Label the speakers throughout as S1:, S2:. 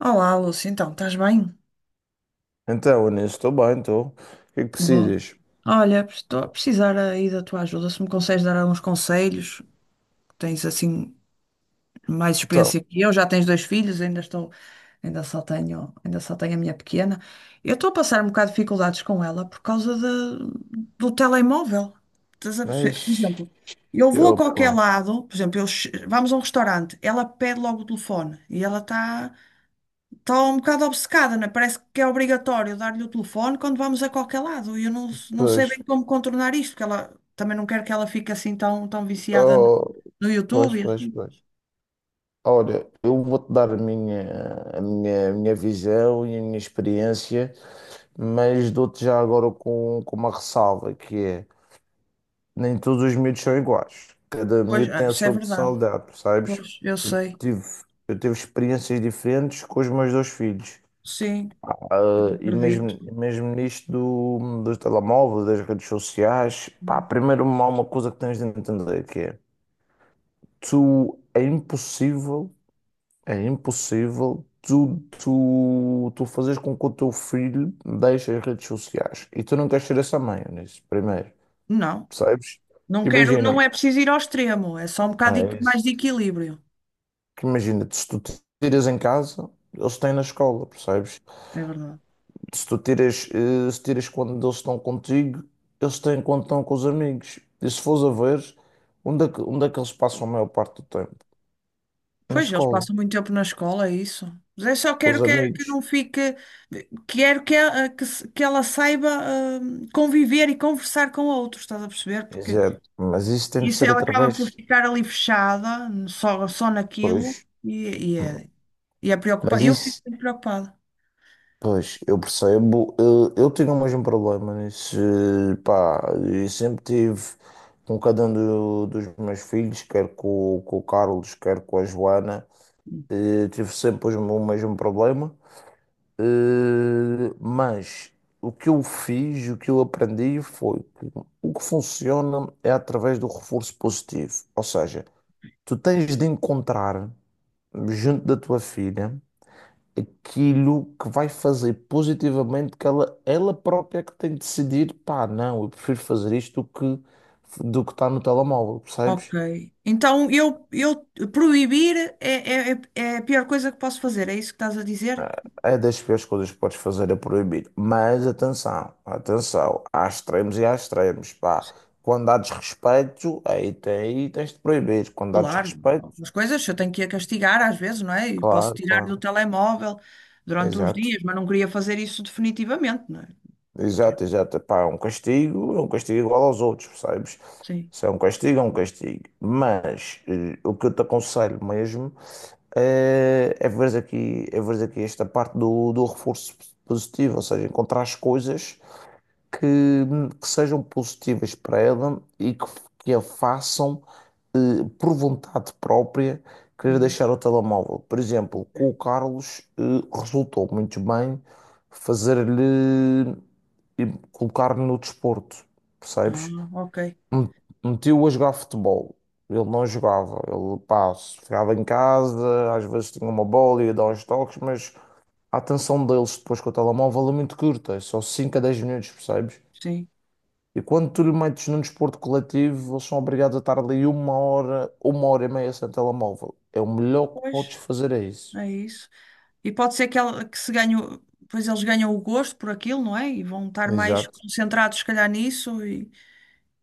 S1: Olá, Lúcia, então, estás bem?
S2: Então, Anil, estou bem, estou. O que é que
S1: Bom,
S2: precisas?
S1: Olha, estou a precisar aí da tua ajuda, se me consegues dar alguns conselhos, tens assim mais
S2: Então,
S1: experiência que eu, já tens dois filhos, ainda só tenho a minha pequena. Eu estou a passar um bocado de dificuldades com ela do telemóvel. Estás a perceber? Por
S2: mas.
S1: exemplo, eu vou a qualquer
S2: Opa,
S1: lado, por exemplo, eu che- vamos a um restaurante, ela pede logo o telefone e ela está estou um bocado obcecada, né? Parece que é obrigatório dar-lhe o telefone quando vamos a qualquer lado. E eu não sei bem
S2: pois.
S1: como contornar isto, porque ela também não quero que ela fique assim tão viciada no
S2: Oh,
S1: no
S2: pois,
S1: YouTube e
S2: pois,
S1: assim.
S2: pois. Olha, eu vou-te dar a minha visão e a minha experiência, mas dou-te já agora com uma ressalva, que é, nem todos os miúdos são iguais. Cada
S1: Pois,
S2: miúdo tem a
S1: isso é
S2: sua
S1: verdade.
S2: personalidade, percebes?
S1: Pois, eu
S2: Eu
S1: sei.
S2: tive, eu tive experiências diferentes com os meus dois filhos.
S1: Sim, eu
S2: Ah, e
S1: acredito.
S2: mesmo nisto dos telemóveis, das redes sociais, pá, primeiro há uma coisa que tens de entender que é, tu, é impossível tu fazeres com que o teu filho deixe as redes sociais e tu não queres ser essa mãe nisso, primeiro,
S1: Não,
S2: percebes?
S1: não
S2: Porque
S1: quero, não
S2: imagina,
S1: é preciso ir ao extremo, é só um
S2: ah,
S1: bocado de-
S2: é
S1: mais de
S2: isso.
S1: equilíbrio.
S2: Que imagina, se tu tiras em casa, eles têm na escola, percebes?
S1: É verdade.
S2: Se tu tiras, se tiras quando eles estão contigo, eles têm quando estão com os amigos. E se fores a ver, onde é que eles passam a maior parte do tempo? Na
S1: Pois, eles
S2: escola,
S1: passam muito tempo na escola, é isso. Mas eu só
S2: com
S1: quero
S2: os
S1: que
S2: amigos.
S1: não fique. Quero que ela, que, se- que ela saiba conviver e conversar com outros, estás a perceber? Porque
S2: Exato. Mas isso tem de
S1: isso
S2: ser
S1: ela acaba por
S2: através.
S1: ficar ali fechada, só naquilo,
S2: Pois.
S1: e, e é, e é preocupada.
S2: Mas
S1: Eu fico
S2: isso,
S1: muito preocupada.
S2: pois, eu percebo. Eu tinha o mesmo problema nisso. Pá, e sempre tive com cada um dos meus filhos, quer com o Carlos, quer com a Joana,
S1: Hum.
S2: tive sempre o mesmo problema. Mas o que eu fiz, o que eu aprendi foi que o que funciona é através do reforço positivo. Ou seja, tu tens de encontrar junto da tua filha aquilo que vai fazer positivamente que ela própria que tem de decidir, pá, não, eu prefiro fazer isto do que está no telemóvel, percebes?
S1: Ok. Então eu proibir é a pior coisa que posso fazer, é isso que estás a dizer?
S2: É das piores coisas que podes fazer é proibir. Mas atenção, atenção, há extremos e há extremos, pá.
S1: Sim.
S2: Quando há desrespeito, aí, aí tens de proibir. Quando há
S1: Claro,
S2: desrespeito,
S1: algumas coisas eu tenho que a castigar às vezes, não é? E posso
S2: claro,
S1: tirar do
S2: claro.
S1: telemóvel durante uns
S2: Exato,
S1: dias, mas não queria fazer isso definitivamente, não é? Quero.
S2: exato, exato. Pá, é um castigo igual aos outros, percebes?
S1: Sim.
S2: Se é um castigo, é um castigo. Mas o que eu te aconselho mesmo é, é veres aqui esta parte do reforço positivo, ou seja, encontrar as coisas que, sejam positivas para ela e que, a façam por vontade própria querer
S1: Hum,
S2: deixar o telemóvel. Por exemplo, com
S1: ok.
S2: o Carlos resultou muito bem fazer-lhe e colocar-lhe no desporto,
S1: Ah,
S2: percebes?
S1: ok.
S2: M- Meti-o a jogar futebol. Ele não jogava, ele pá, ficava em casa, às vezes tinha uma bola e ia dar uns toques, mas a atenção deles depois com o telemóvel é muito curta, é só 5 a 10 minutos, percebes?
S1: Sim.
S2: E quando tu lhe metes num desporto coletivo, eles são obrigados a estar ali uma hora e meia sem telemóvel. É o melhor que
S1: Pois,
S2: podes fazer, é isso.
S1: é isso. E pode ser que, ela, que se ganhe, o- pois eles ganham o gosto por aquilo, não é? E vão estar mais
S2: Exato,
S1: concentrados, se calhar, nisso. E,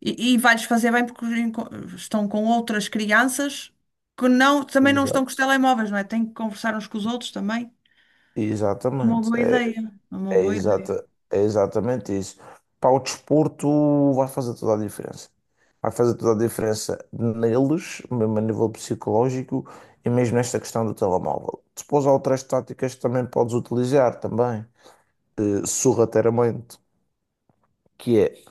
S1: E vai-lhes fazer bem porque estão com outras crianças que também não estão com os
S2: exato.
S1: telemóveis, não é? Têm que conversar uns com os outros também. Uma
S2: Exatamente.
S1: boa ideia, uma boa ideia.
S2: Exata, é exatamente isso. Para o desporto vai fazer toda a diferença. Vai fazer toda a diferença neles, mesmo a nível psicológico, e mesmo nesta questão do telemóvel. Depois há outras táticas que também podes utilizar também, sorrateiramente, que é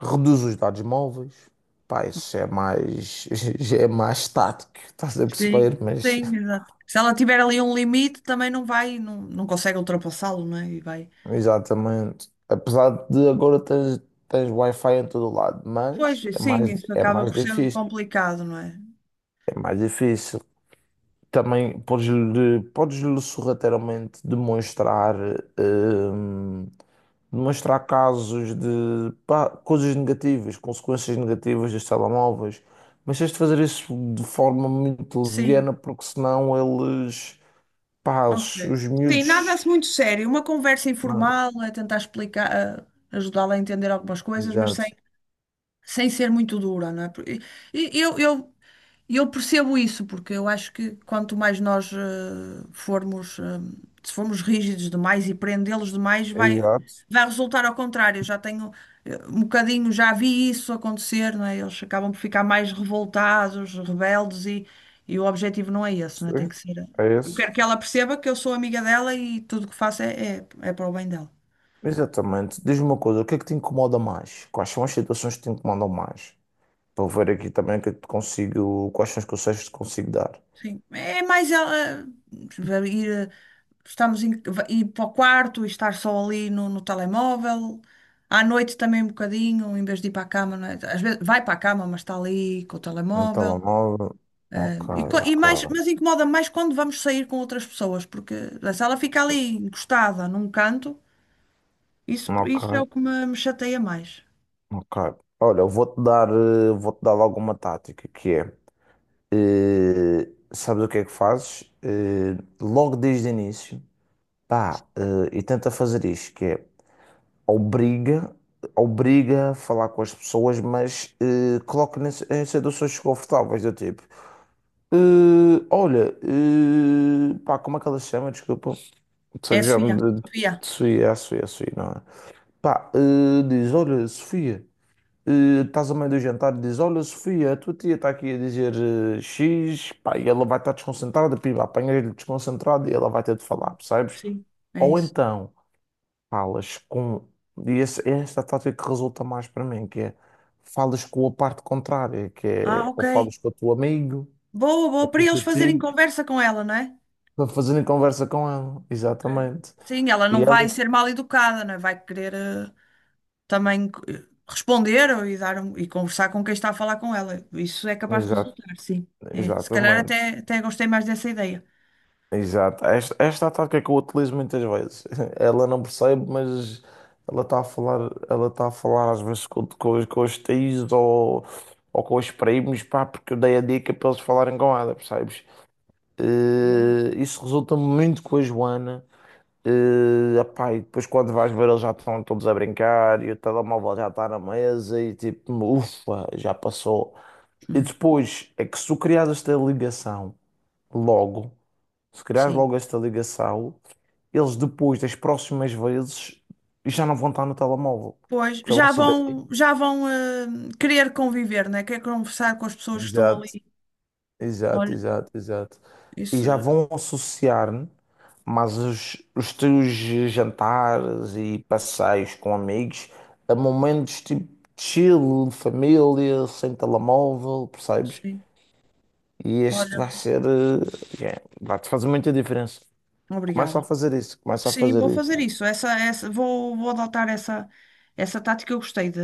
S2: reduz os dados móveis. Pá, isso é mais, já é mais estático, estás a
S1: Sim,
S2: perceber? Mas,
S1: sim, exato. Se ela tiver ali um limite, também não consegue ultrapassá-lo, não é? E vai.
S2: exatamente. Apesar de agora tens Wi-Fi em todo lado,
S1: Pois,
S2: mas
S1: sim, isso
S2: é
S1: acaba
S2: mais
S1: por ser
S2: difícil.
S1: complicado, não é?
S2: É mais difícil. Também podes-lhe sorrateiramente demonstrar hum, demonstrar casos de pá, coisas negativas, consequências negativas dos telemóveis, mas tens de fazer isso de forma muito
S1: Sim,
S2: leviana, porque senão eles, pá,
S1: ok.
S2: os
S1: Sim, nada
S2: miúdos.
S1: se muito sério. Uma conversa
S2: Nada.
S1: informal, é tentar explicar, eh, ajudá-la a entender algumas coisas, mas sem,
S2: Exato,
S1: sem ser muito dura, não é? E Eu, eu E eu percebo isso, porque eu acho que quanto mais nós formos, eh, se formos rígidos demais e prendê-los demais,
S2: exato.
S1: vai resultar ao contrário. Eu já tenho um bocadinho, já vi isso acontecer, não é? Eles acabam por ficar mais revoltados, rebeldes, e o objetivo não é esse, não é? Tem
S2: Sim,
S1: que ser. Eh,
S2: é
S1: Eu
S2: isso.
S1: quero que ela perceba que eu sou amiga dela e tudo o que faço é para o bem dela.
S2: Exatamente. Diz-me uma coisa, o que é que te incomoda mais? Quais são as situações que te incomodam mais? Para eu ver aqui também o que é que te consigo, quais são os conselhos que te consigo dar.
S1: Sim, é mais ela vai ir, eh, estamos em, vai ir para o quarto e estar só ali no telemóvel. À noite também um bocadinho, em vez de ir para a cama, não é? Às vezes vai para a cama, mas está ali com o
S2: No
S1: telemóvel.
S2: telemóvel. Ok,
S1: E, co- e
S2: ok.
S1: mais, mas incomoda mais quando vamos sair com outras pessoas, porque se ela fica ali encostada num canto, isso é o
S2: Ok,
S1: que me chateia mais.
S2: ok. Olha, eu vou-te dar, eh, vou-te dar logo uma tática que é, sabes o que é que fazes? Logo desde o início, pá, e tenta fazer isto, que é obriga, obriga a falar com as pessoas, mas coloca em situações desconfortáveis do tipo, olha, pá, como é que ela se chama? Desculpa, sei
S1: É a
S2: que já
S1: Sofia.
S2: me de
S1: Sofia.
S2: Sofia, é a Sofia, não é? Pá, diz, olha, Sofia. Estás a meio do jantar e dizes: olha, Sofia, a tua tia está aqui a dizer X, pá, e ela vai estar desconcentrada, pimba, apanhas-lhe desconcentrado e ela vai ter de falar, percebes?
S1: Sim, é
S2: Ou
S1: isso.
S2: então falas com. E esta tática que resulta mais para mim, que é falas com a parte contrária, que
S1: Ah,
S2: é
S1: ok.
S2: ou falas com o teu amigo
S1: Boa,
S2: ou
S1: boa,
S2: com
S1: para
S2: o
S1: eles
S2: teu
S1: fazerem
S2: tio
S1: conversa com ela, não é?
S2: para fazerem conversa com ela,
S1: Ok.
S2: exatamente.
S1: Sim, ela
S2: E
S1: não
S2: ela,
S1: vai ser mal educada, não é? Vai querer também eh, responder ou- e dar um- e conversar com quem está a falar com ela. Isso é capaz de
S2: exato,
S1: resultar, sim. É. Se calhar
S2: exatamente.
S1: até, até gostei mais dessa ideia.
S2: Exato. Esta é a tática que eu utilizo muitas vezes. Ela não percebe, mas ela está a falar às vezes com os tios ou com os primos, pá, porque eu dei a dica para eles falarem com ela, percebes?
S1: Bom.
S2: Isso resulta muito com a Joana. Epá, e depois quando vais ver eles já estão todos a brincar e o telemóvel já está na mesa e tipo, ufa, já passou. E
S1: Uhum.
S2: depois é que se tu criares esta ligação logo. Se criares
S1: Sim.
S2: logo esta ligação, eles depois das próximas vezes já não vão estar no telemóvel.
S1: Pois,
S2: Já vão
S1: já
S2: saber.
S1: vão, já vão querer conviver, né? Quer conversar com as pessoas que estão
S2: Exato,
S1: ali.
S2: exato,
S1: Olha,
S2: exato, exato. E já
S1: isso,
S2: vão associar mas os teus jantares e passeios com amigos a momentos tipo chill, família, sem telemóvel, percebes?
S1: sim.
S2: E este
S1: Olha,
S2: vai ser, yeah, vai-te fazer muita diferença. Começa a
S1: obrigada.
S2: fazer isso, começa a
S1: Sim,
S2: fazer
S1: vou
S2: isso.
S1: fazer isso. Vou adotar essa, essa tática. Eu gostei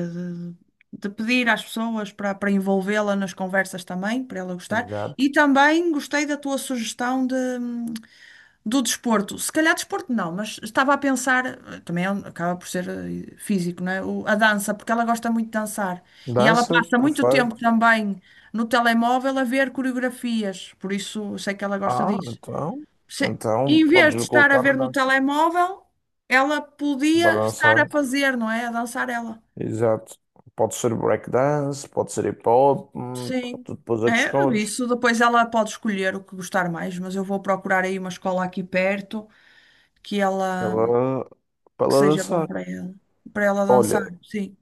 S1: de, de pedir às pessoas para envolvê-la nas conversas também, para ela gostar.
S2: Exato.
S1: E também gostei da tua sugestão de, do desporto. Se calhar desporto não, mas estava a pensar, acaba por ser físico, não é? A dança, porque ela gosta muito de dançar. E ela
S2: Dança,
S1: passa muito tempo
S2: perfeito.
S1: também no telemóvel a ver coreografias, por isso eu sei que ela gosta
S2: Ah,
S1: disso.
S2: então.
S1: Se-
S2: Então
S1: Em vez de
S2: podes
S1: estar a
S2: colocar na
S1: ver no
S2: dança.
S1: telemóvel, ela
S2: Vai
S1: podia estar a
S2: dançar.
S1: fazer, não é? A dançar ela.
S2: Exato. Pode ser breakdance, pode ser hip hop, pá,
S1: Sim.
S2: tu depois é que
S1: É,
S2: escolhes.
S1: isso depois ela pode escolher o que gostar mais, mas eu vou procurar aí uma escola aqui perto que
S2: Para
S1: ela
S2: ela Para
S1: que
S2: ela
S1: seja bom
S2: dançar.
S1: para ela dançar.
S2: Olha,
S1: Sim,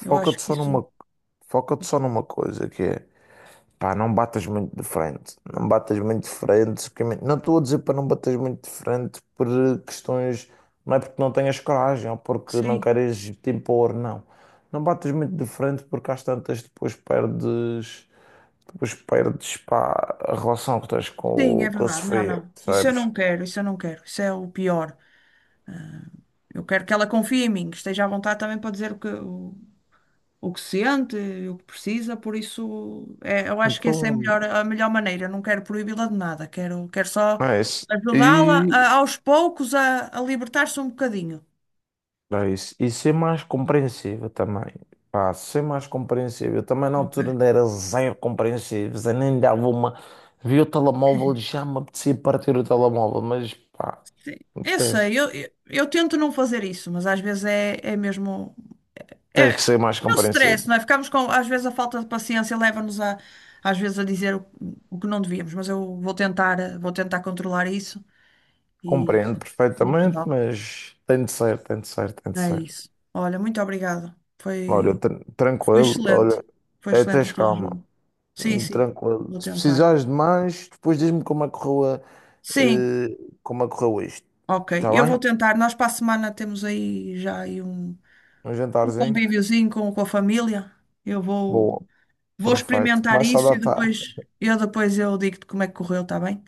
S1: eu acho que
S2: só
S1: isso.
S2: numa, foca-te só numa coisa que é. Pá, não batas muito de frente. Não batas muito de frente. Que Não estou a dizer para não bateres muito de frente por questões. Não é porque não tenhas coragem ou porque não
S1: Sim.
S2: queres te impor, não. Não batas muito de frente porque às tantas depois perdes. Depois perdes, pá, a relação que tens
S1: Sim,
S2: com,
S1: é
S2: com a
S1: verdade. Não,
S2: Sofia,
S1: não. Isso eu
S2: sabes?
S1: não quero, isso eu não quero. Isso é o pior. Eu quero que ela confie em mim, que esteja à vontade também para dizer o que sente, o que precisa, por isso é, eu acho que essa é
S2: Então,
S1: a melhor maneira. Não quero proibi-la de nada, quero, quero só
S2: é isso. e
S1: aos poucos a libertar-se um bocadinho.
S2: É isso. E ser mais compreensível também. Pá, ser mais compreensível. Eu também na
S1: Ok.
S2: altura ainda era zero compreensível. Eu nem dava uma. Vi o telemóvel e já me apetecia partir o telemóvel. Mas pá,
S1: Sim, eu
S2: tens,
S1: sei, eu tento não fazer isso, mas às vezes é, é mesmo. É,
S2: tens que ser mais
S1: é o stress, não
S2: compreensível.
S1: é? Ficamos com. Às vezes a falta de paciência leva-nos a. Às vezes a dizer o que não devíamos, mas eu vou tentar, vou tentar controlar isso e,
S2: Compreendo
S1: e
S2: perfeitamente,
S1: ajudá-la.
S2: mas tem de ser, tem de ser, tem de
S1: É
S2: ser.
S1: isso. Olha, muito obrigada.
S2: Olha,
S1: Foi. Foi
S2: tranquilo,
S1: excelente.
S2: olha,
S1: Foi
S2: é,
S1: excelente
S2: tens
S1: a tua
S2: calma.
S1: ajuda. Sim, sim.
S2: Tranquilo.
S1: Vou
S2: Se
S1: tentar.
S2: precisares de mais, depois diz-me como é que correu,
S1: Sim,
S2: eh, como é que correu isto.
S1: ok.
S2: Está
S1: Eu vou
S2: bem?
S1: tentar. Nós para a semana temos aí já aí
S2: Um
S1: um
S2: jantarzinho.
S1: convíviozinho com a família. Eu vou,
S2: Boa,
S1: vou
S2: perfeito.
S1: experimentar
S2: Começa a
S1: isso e
S2: datar.
S1: depois eu digo-te como é que correu, está bem?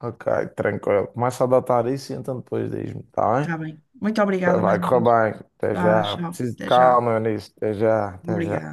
S2: Ok, tranquilo. Começa a datar isso e então depois diz-me, tá
S1: Está bem. Muito
S2: bem?
S1: obrigada mais
S2: Vai
S1: uma
S2: correr
S1: vez.
S2: bem. Até
S1: Tá,
S2: já.
S1: tchau.
S2: Preciso de
S1: Até já.
S2: calma nisso. Até já, até
S1: Obrigada.
S2: já.